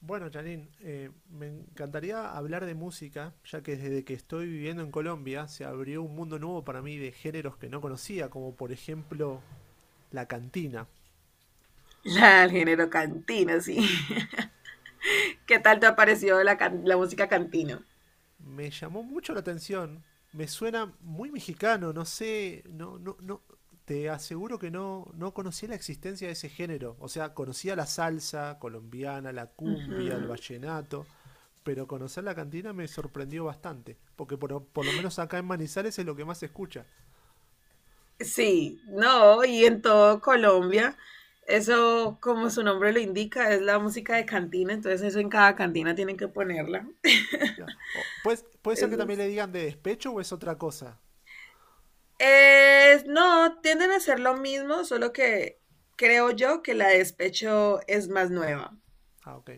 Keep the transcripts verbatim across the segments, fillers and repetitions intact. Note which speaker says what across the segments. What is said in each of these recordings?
Speaker 1: Bueno, Janine, eh, me encantaría hablar de música, ya que desde que estoy viviendo en Colombia se abrió un mundo nuevo para mí de géneros que no conocía, como por ejemplo la cantina.
Speaker 2: La del género cantino, sí. ¿Qué tal te ha parecido la, can- la música cantino?
Speaker 1: Me llamó mucho la atención, me suena muy mexicano, no sé, no, no, no, te aseguro que no, no conocía la existencia de ese género. O sea, conocía la salsa colombiana, la cumbia, el
Speaker 2: Ujú.
Speaker 1: vallenato, pero conocer la cantina me sorprendió bastante, porque por, por lo menos acá en Manizales es lo que más se escucha.
Speaker 2: Sí, no, y en todo Colombia, eso como su nombre lo indica, es la música de cantina, entonces eso en cada cantina tienen que ponerla.
Speaker 1: Claro. O- ¿Puede, puede ser que
Speaker 2: Eso
Speaker 1: también
Speaker 2: es.
Speaker 1: le digan de despecho o es otra cosa?
Speaker 2: Eh, no, tienden a ser lo mismo, solo que creo yo que la de despecho es más nueva.
Speaker 1: Ah, ok.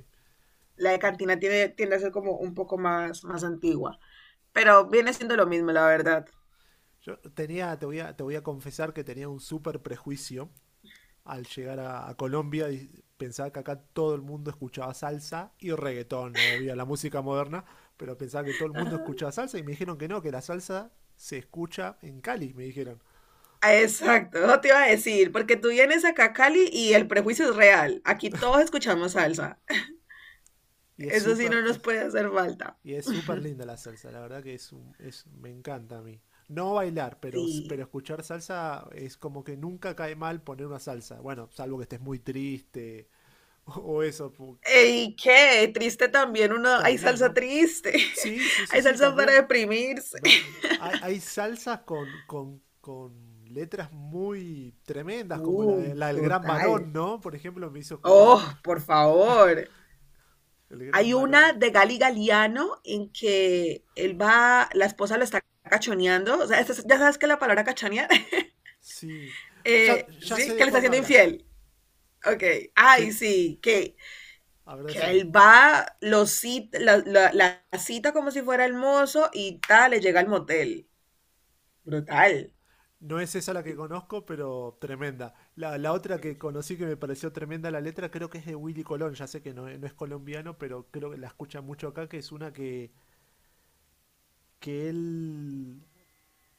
Speaker 2: La de cantina tiene, tiende a ser como un poco más, más antigua, pero viene siendo lo mismo, la verdad.
Speaker 1: Yo tenía, te voy a, te voy a confesar que tenía un súper prejuicio al llegar a, a Colombia y pensaba que acá todo el mundo escuchaba salsa y reggaetón, no obvio, la música moderna, pero pensaba que todo el mundo escuchaba salsa y me dijeron que no, que la salsa se escucha en Cali, me dijeron.
Speaker 2: Ah, exacto, eso te iba a decir, porque tú vienes acá a Cali y el prejuicio es real. Aquí todos escuchamos salsa.
Speaker 1: Y es
Speaker 2: Eso sí no
Speaker 1: súper,
Speaker 2: nos
Speaker 1: es
Speaker 2: puede hacer falta.
Speaker 1: Y es súper linda la salsa, la verdad que es, un- es me encanta a mí. No bailar, pero, s- pero
Speaker 2: Sí.
Speaker 1: escuchar salsa es como que nunca cae mal poner una salsa. Bueno, salvo que estés muy triste o, o eso pu-
Speaker 2: ¿Y qué? Triste también uno. Hay
Speaker 1: también,
Speaker 2: salsa
Speaker 1: ¿no?
Speaker 2: triste.
Speaker 1: Sí, sí, sí,
Speaker 2: Hay
Speaker 1: sí,
Speaker 2: salsa para
Speaker 1: también.
Speaker 2: deprimirse.
Speaker 1: Me- Hay, hay salsas con, con, con letras muy tremendas, como la, de-
Speaker 2: Uy,
Speaker 1: la del Gran
Speaker 2: total.
Speaker 1: Varón, ¿no? Por ejemplo, me hizo escuchar
Speaker 2: Oh, por favor.
Speaker 1: el Gran
Speaker 2: Hay una
Speaker 1: Varón.
Speaker 2: de Gali Galiano en que él va, la esposa lo está cachoneando. O sea, ya sabes que la palabra cachonear,
Speaker 1: Sí. Ya,
Speaker 2: eh,
Speaker 1: ya sé
Speaker 2: sí,
Speaker 1: de
Speaker 2: que le está
Speaker 1: cuál me
Speaker 2: haciendo
Speaker 1: hablas.
Speaker 2: infiel. Ok,
Speaker 1: Sí.
Speaker 2: ay, sí, que,
Speaker 1: A ver,
Speaker 2: que
Speaker 1: decime.
Speaker 2: él va, lo cita, la, la- la cita como si fuera el mozo y tal, le llega al motel. Brutal.
Speaker 1: No es esa la que
Speaker 2: Y-
Speaker 1: conozco, pero tremenda. La, la otra que conocí que me pareció tremenda la letra, creo que es de Willy Colón. Ya sé que no, es no es colombiano, pero creo que la escuchan mucho acá, que es una que, que él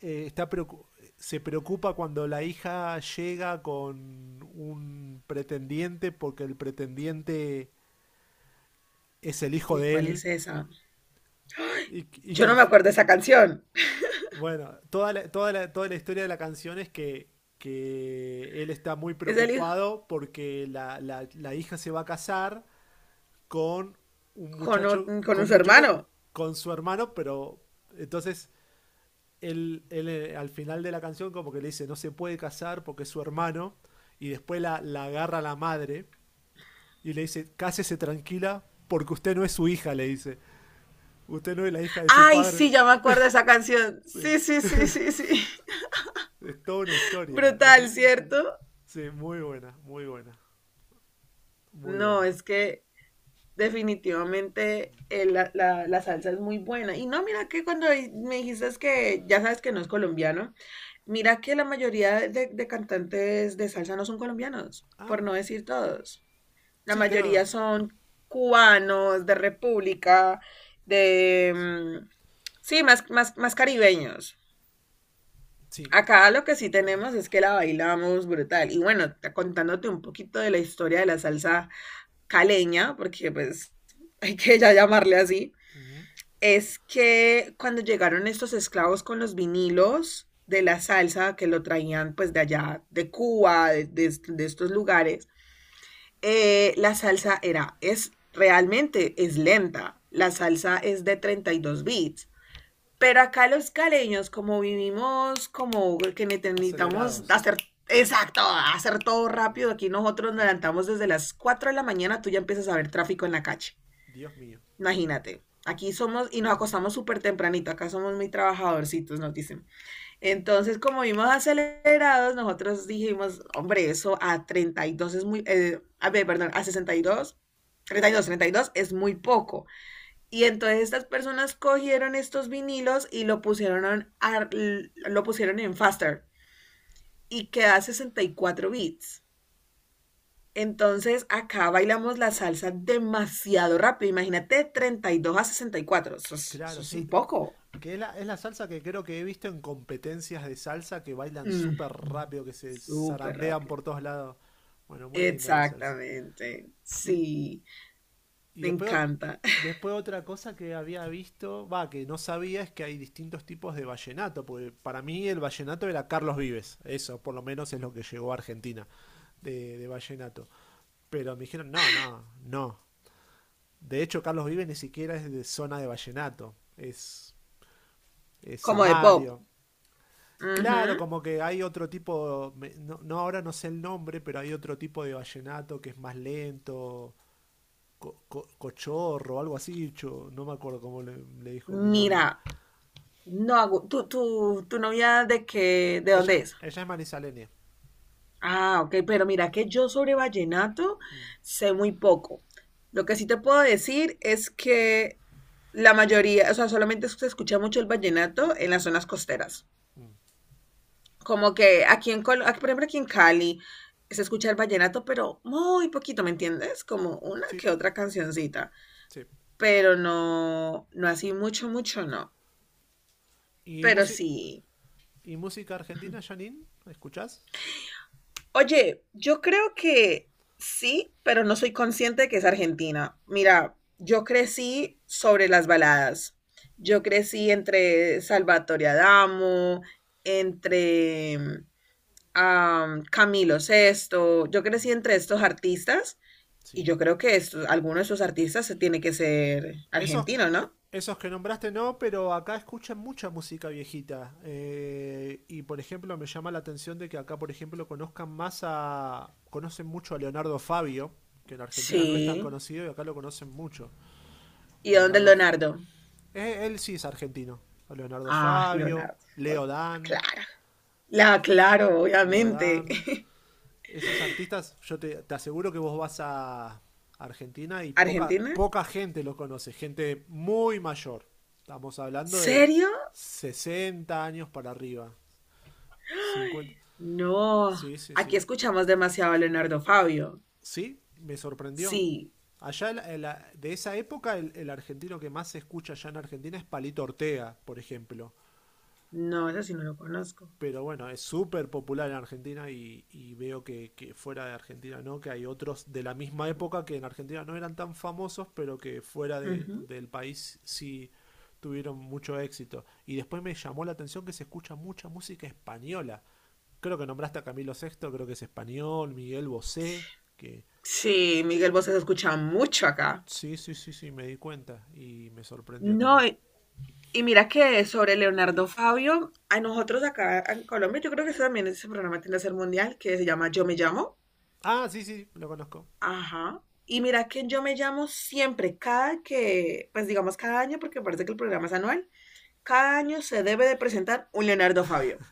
Speaker 1: eh, está preocu- se preocupa cuando la hija llega con un pretendiente porque el pretendiente es el hijo
Speaker 2: Uy,
Speaker 1: de
Speaker 2: ¿cuál
Speaker 1: él
Speaker 2: es esa?
Speaker 1: y, y
Speaker 2: Yo
Speaker 1: que
Speaker 2: no
Speaker 1: al,
Speaker 2: me
Speaker 1: fi-
Speaker 2: acuerdo de esa canción.
Speaker 1: Bueno, toda la, toda la, toda la historia de la canción es que, que él está muy
Speaker 2: Es el hijo
Speaker 1: preocupado porque la, la- la hija se va a casar con un
Speaker 2: con, o-
Speaker 1: muchacho, con
Speaker 2: con
Speaker 1: un
Speaker 2: su
Speaker 1: muchacho
Speaker 2: hermano.
Speaker 1: con su hermano, pero entonces él, él, eh, al final de la canción como que le dice no se puede casar porque es su hermano y después la, la agarra la madre y le dice cásese tranquila porque usted no es su hija, le dice. Usted no es la hija de su
Speaker 2: Ay,
Speaker 1: padre.
Speaker 2: sí, ya me acuerdo de esa canción.
Speaker 1: Sí,
Speaker 2: Sí, sí, sí, sí, sí.
Speaker 1: es toda una historia.
Speaker 2: Brutal,
Speaker 1: ¿No? Sí.
Speaker 2: ¿cierto?
Speaker 1: Sí, muy buena, muy buena, muy
Speaker 2: No,
Speaker 1: buena.
Speaker 2: es que Definitivamente, eh, la, la- la salsa es muy buena. Y no, mira que cuando di- me dijiste es que ya sabes que no es colombiano, mira que la mayoría de, de cantantes de salsa no son colombianos,
Speaker 1: Ah,
Speaker 2: por no decir todos. La
Speaker 1: sí, creo.
Speaker 2: mayoría son cubanos, de República, de...
Speaker 1: Sí,
Speaker 2: mm, sí, más, más, más caribeños.
Speaker 1: sí.
Speaker 2: Acá lo que sí
Speaker 1: Bueno,
Speaker 2: tenemos es que la bailamos brutal. Y bueno, t- contándote un poquito de la historia de la salsa caleña, porque pues hay que ya llamarle así,
Speaker 1: ujú.
Speaker 2: es que cuando llegaron estos esclavos con los vinilos de la salsa que lo traían pues de allá, de Cuba, de, de, de estos lugares, eh, la salsa era, es realmente es lenta, la salsa es de treinta y dos bits. Pero acá los caleños, como vivimos, como que necesitamos
Speaker 1: Acelerados.
Speaker 2: hacer... Exacto, hacer todo rápido. Aquí nosotros nos
Speaker 1: Sí.
Speaker 2: levantamos desde las cuatro de la mañana, tú ya empiezas a ver tráfico en la calle.
Speaker 1: Dios mío.
Speaker 2: Imagínate, aquí somos y nos acostamos súper tempranito, acá somos muy trabajadorcitos, nos dicen. Entonces, como vimos acelerados, nosotros dijimos, hombre, eso a treinta y dos es muy, eh, a ver, perdón, a sesenta y y dos dos treinta y dos, treinta y dos es muy poco. Y entonces estas personas cogieron estos vinilos y lo pusieron, en- a- lo pusieron en faster y queda sesenta y cuatro bits. Entonces acá bailamos la salsa demasiado rápido. Imagínate de treinta y dos a sesenta y cuatro. Eso es, eso
Speaker 1: Claro,
Speaker 2: es
Speaker 1: sí.
Speaker 2: un poco.
Speaker 1: Que es la, es la salsa que creo que he visto en competencias de salsa que bailan
Speaker 2: Mm,
Speaker 1: súper rápido, que se
Speaker 2: súper
Speaker 1: zarandean
Speaker 2: rápido.
Speaker 1: por todos lados. Bueno, muy linda la salsa.
Speaker 2: Exactamente.
Speaker 1: Y
Speaker 2: Sí,
Speaker 1: Y
Speaker 2: me
Speaker 1: después,
Speaker 2: encanta.
Speaker 1: después otra cosa que había visto, va, que no sabía es que hay distintos tipos de vallenato, porque para mí el vallenato era Carlos Vives, eso por lo menos es lo que llegó a Argentina de, de vallenato. Pero me dijeron, no, no, no. De hecho, Carlos Vives ni siquiera es de zona de vallenato, es, es
Speaker 2: Como de pop.
Speaker 1: Samario. Claro,
Speaker 2: Ujú.
Speaker 1: como que hay otro tipo, me- no, no, ahora no sé el nombre, pero hay otro tipo de vallenato que es más lento, co- co- cochorro o algo así, cho- no me acuerdo cómo le, le dijo mi novia.
Speaker 2: Mira, no hago. ¿Tu, tu, tu novia de qué? ¿De dónde
Speaker 1: Ella,
Speaker 2: es?
Speaker 1: ella es marisaleña.
Speaker 2: Ah, ok, pero mira que yo sobre vallenato sé muy poco. Lo que sí te puedo decir es que la mayoría, o sea, solamente se escucha mucho el vallenato en las zonas costeras. Como que aquí en Col- aquí, por ejemplo, aquí en Cali se escucha el vallenato, pero muy poquito, ¿me entiendes? Como una
Speaker 1: Sí,
Speaker 2: que otra cancioncita,
Speaker 1: sí.
Speaker 2: pero no, no así mucho, mucho, no.
Speaker 1: ¿Y,
Speaker 2: Pero
Speaker 1: musi-
Speaker 2: sí.
Speaker 1: y música argentina, Janine? ¿Escuchás?
Speaker 2: Oye, yo creo que sí, pero no soy consciente de que es Argentina. Mira, yo crecí sobre las baladas. Yo crecí entre Salvatore Adamo, entre mm, am, Camilo Sesto. Yo crecí entre estos artistas y
Speaker 1: Sí.
Speaker 2: yo creo que estos, alguno de esos artistas se tiene que ser
Speaker 1: Esos,
Speaker 2: argentino, ¿no?
Speaker 1: esos que nombraste no, pero acá escuchan mucha música viejita. Eh, y por ejemplo, me llama la atención de que acá, por ejemplo, conozcan más a. Conocen mucho a Leonardo Fabio, que en Argentina no es tan
Speaker 2: Sí.
Speaker 1: conocido y acá lo conocen mucho.
Speaker 2: ¿Y dónde es
Speaker 1: Leonardo,
Speaker 2: Leonardo?
Speaker 1: eh, él sí es argentino. Leonardo
Speaker 2: Ah,
Speaker 1: Fabio,
Speaker 2: Leonardo.
Speaker 1: Leo Dan,
Speaker 2: Claro. La aclaro,
Speaker 1: Leo
Speaker 2: obviamente.
Speaker 1: Dan. Esos artistas, yo te, te aseguro que vos vas a Argentina y poca,
Speaker 2: ¿Argentina?
Speaker 1: poca gente los conoce, gente muy mayor. Estamos hablando de
Speaker 2: ¿Serio?
Speaker 1: sesenta años para arriba. Cincuenta.
Speaker 2: Ay, no,
Speaker 1: Sí, sí,
Speaker 2: aquí
Speaker 1: sí.
Speaker 2: escuchamos demasiado a Leonardo Fabio.
Speaker 1: Sí, me sorprendió.
Speaker 2: Sí,
Speaker 1: Allá el- el- de esa época, el, el argentino que más se escucha allá en Argentina es Palito Ortega, por ejemplo.
Speaker 2: no, ese sí no lo conozco.
Speaker 1: Pero bueno, es súper popular en Argentina y, y veo que, que, fuera de Argentina no, que hay otros de la misma época que en Argentina no eran tan famosos, pero que fuera de,
Speaker 2: Ujú.
Speaker 1: del país sí tuvieron mucho éxito. Y después me llamó la atención que se escucha mucha música española. Creo que nombraste a Camilo sexto, creo que es español, Miguel Bosé, que
Speaker 2: Sí, Miguel Bosé se escucha mucho acá.
Speaker 1: sí, sí, sí, sí, me di cuenta y me sorprendió también.
Speaker 2: No, y, y mira que sobre Leonardo Fabio, a nosotros acá en Colombia, yo creo que ese también ese programa tiene que ser mundial, que se llama Yo Me Llamo.
Speaker 1: Ah, sí, sí, lo conozco.
Speaker 2: Ajá. Y mira que en Yo Me Llamo siempre, cada que, pues digamos cada año, porque parece que el programa es anual, cada año se debe de presentar un Leonardo Fabio.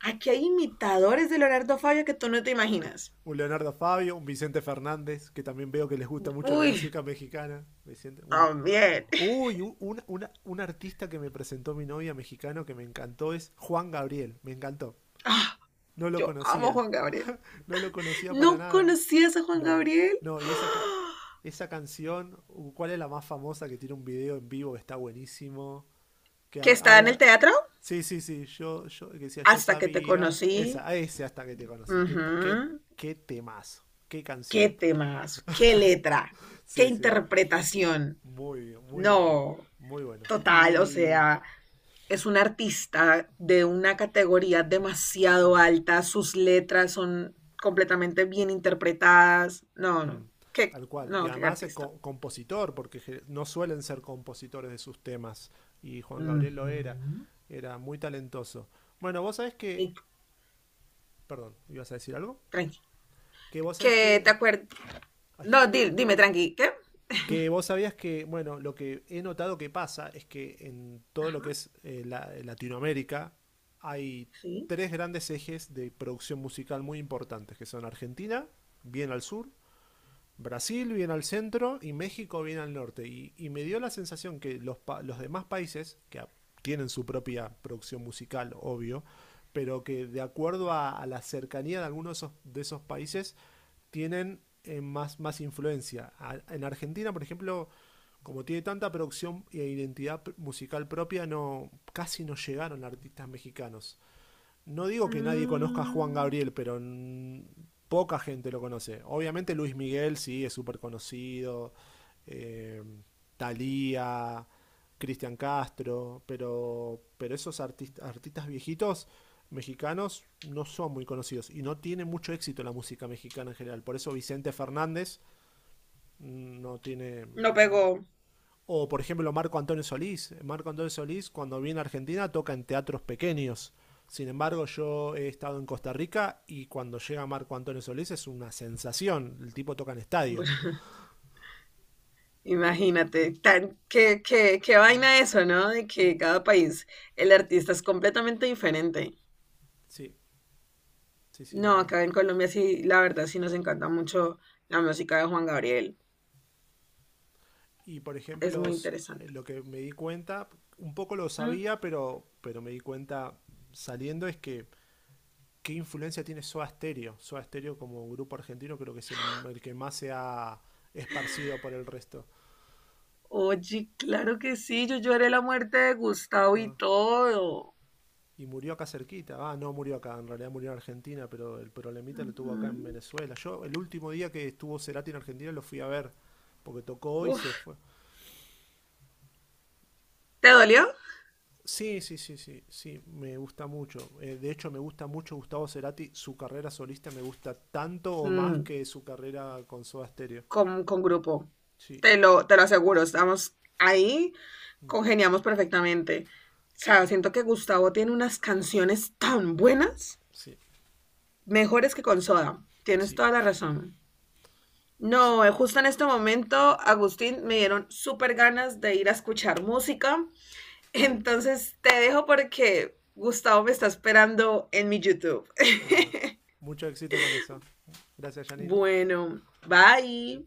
Speaker 2: Aquí hay imitadores de Leonardo Fabio que tú no te imaginas.
Speaker 1: Un Leonardo Fabio, un Vicente Fernández, que también veo que les gusta mucho la
Speaker 2: Uy,
Speaker 1: música mexicana. Vicente, un,
Speaker 2: también.
Speaker 1: uy, un, un- una- un artista que me presentó mi novia mexicano que me encantó es Juan Gabriel, me encantó.
Speaker 2: Ah,
Speaker 1: No lo
Speaker 2: yo amo a
Speaker 1: conocía,
Speaker 2: Juan Gabriel.
Speaker 1: no lo conocía para
Speaker 2: ¿No
Speaker 1: nada.
Speaker 2: conocías a Juan
Speaker 1: No,
Speaker 2: Gabriel?
Speaker 1: no, y esa, ca- esa canción, uh, ¿cuál es la más famosa que tiene un video en vivo que está buenísimo? Que ha-
Speaker 2: ¿Que está en el
Speaker 1: habla...
Speaker 2: teatro?
Speaker 1: Sí, sí, sí, yo, yo que decía, yo
Speaker 2: Hasta que te
Speaker 1: sabía,
Speaker 2: conocí.
Speaker 1: esa, a ese hasta que te conocí, qué,
Speaker 2: Ujú.
Speaker 1: qué, qué temazo, qué
Speaker 2: ¿Qué
Speaker 1: canción.
Speaker 2: temas? ¿Qué letra? ¿Qué
Speaker 1: Sí, sí,
Speaker 2: interpretación?
Speaker 1: muy, muy bueno,
Speaker 2: No,
Speaker 1: muy bueno.
Speaker 2: total, o
Speaker 1: Y
Speaker 2: sea, es un artista de una categoría demasiado alta, sus letras son completamente bien interpretadas. No,
Speaker 1: mm,
Speaker 2: no, qué,
Speaker 1: tal cual. Y
Speaker 2: no, qué
Speaker 1: además es
Speaker 2: artista.
Speaker 1: co- compositor, porque ge- no suelen ser compositores de sus temas. Y Juan Gabriel lo era,
Speaker 2: Ujú.
Speaker 1: era muy talentoso. Bueno, vos sabés que,
Speaker 2: Y,
Speaker 1: perdón, ¿ibas a decir algo?
Speaker 2: tranqui.
Speaker 1: Que vos sabés
Speaker 2: Que te
Speaker 1: que,
Speaker 2: acuerdas.
Speaker 1: ay,
Speaker 2: No, di- dime, tranqui. ¿Qué?
Speaker 1: que vos sabías que, bueno, lo que he notado que pasa es que en todo lo que
Speaker 2: Ajá,
Speaker 1: es eh, la- eh, Latinoamérica hay
Speaker 2: sí.
Speaker 1: tres grandes ejes de producción musical muy importantes, que son Argentina, bien al sur, Brasil bien al centro y México bien al norte. Y, y me dio la sensación que los, pa- los demás países, que tienen su propia producción musical, obvio, pero que de acuerdo a, a la cercanía de algunos de esos, de esos países, tienen eh, más, más influencia. A- en Argentina, por ejemplo, como tiene tanta producción e identidad musical propia, no, casi no llegaron artistas mexicanos. No digo que nadie conozca a Juan
Speaker 2: Mm,
Speaker 1: Gabriel, pero mm, poca gente lo conoce. Obviamente Luis Miguel sí es súper conocido, eh, Thalía, Cristian Castro, pero, pero esos artist- artistas viejitos mexicanos no son muy conocidos y no tiene mucho éxito la música mexicana en general. Por eso Vicente Fernández mm, no tiene
Speaker 2: no pegó.
Speaker 1: o, por ejemplo, Marco Antonio Solís. Marco Antonio Solís, cuando viene a Argentina, toca en teatros pequeños. Sin embargo, yo he estado en Costa Rica y cuando llega Marco Antonio Solís es una sensación. El tipo toca en estadio.
Speaker 2: Bueno, imagínate, tan, qué, qué, qué vaina eso, ¿no? De que cada país el
Speaker 1: Sí,
Speaker 2: artista es completamente diferente.
Speaker 1: sí, sí. Sí,
Speaker 2: No,
Speaker 1: la...
Speaker 2: acá en Colombia sí, la verdad sí nos encanta mucho la música de Juan Gabriel.
Speaker 1: Y, por
Speaker 2: Es
Speaker 1: ejemplo,
Speaker 2: muy interesante.
Speaker 1: lo que me di cuenta, un poco lo
Speaker 2: Mm.
Speaker 1: sabía, pero, pero me di cuenta saliendo, es que qué influencia tiene Soda Stereo. Soda Stereo como grupo argentino creo que es el, el que más se ha esparcido por el resto.
Speaker 2: Oye, claro que sí, yo lloré la muerte de Gustavo y
Speaker 1: Ah,
Speaker 2: todo.
Speaker 1: y murió acá cerquita. Ah, no murió acá, en realidad murió en Argentina, pero el problemita lo tuvo acá en
Speaker 2: Ujú.
Speaker 1: Venezuela. Yo el último día que estuvo Cerati en Argentina lo fui a ver, porque tocó hoy y se
Speaker 2: Uf,
Speaker 1: fue.
Speaker 2: ¿te dolió?
Speaker 1: Sí, sí, sí, sí, sí, me gusta mucho. Eh, de hecho, me gusta mucho Gustavo Cerati. Su carrera solista me gusta tanto o más
Speaker 2: Mm,
Speaker 1: que su carrera con Soda Stereo.
Speaker 2: con, con grupo.
Speaker 1: Sí,
Speaker 2: Te lo, te lo aseguro, estamos ahí,
Speaker 1: mm,
Speaker 2: congeniamos perfectamente. O sea, siento que Gustavo tiene unas canciones tan buenas,
Speaker 1: sí,
Speaker 2: mejores que con Soda. Tienes
Speaker 1: sí,
Speaker 2: toda la razón.
Speaker 1: sí.
Speaker 2: No, eh, justo en este momento, Agustín, me dieron súper ganas de ir a escuchar música. Entonces te dejo porque Gustavo me está esperando en mi YouTube.
Speaker 1: Bueno, mucho éxito con eso. Gracias, Janine.
Speaker 2: Bueno, bye.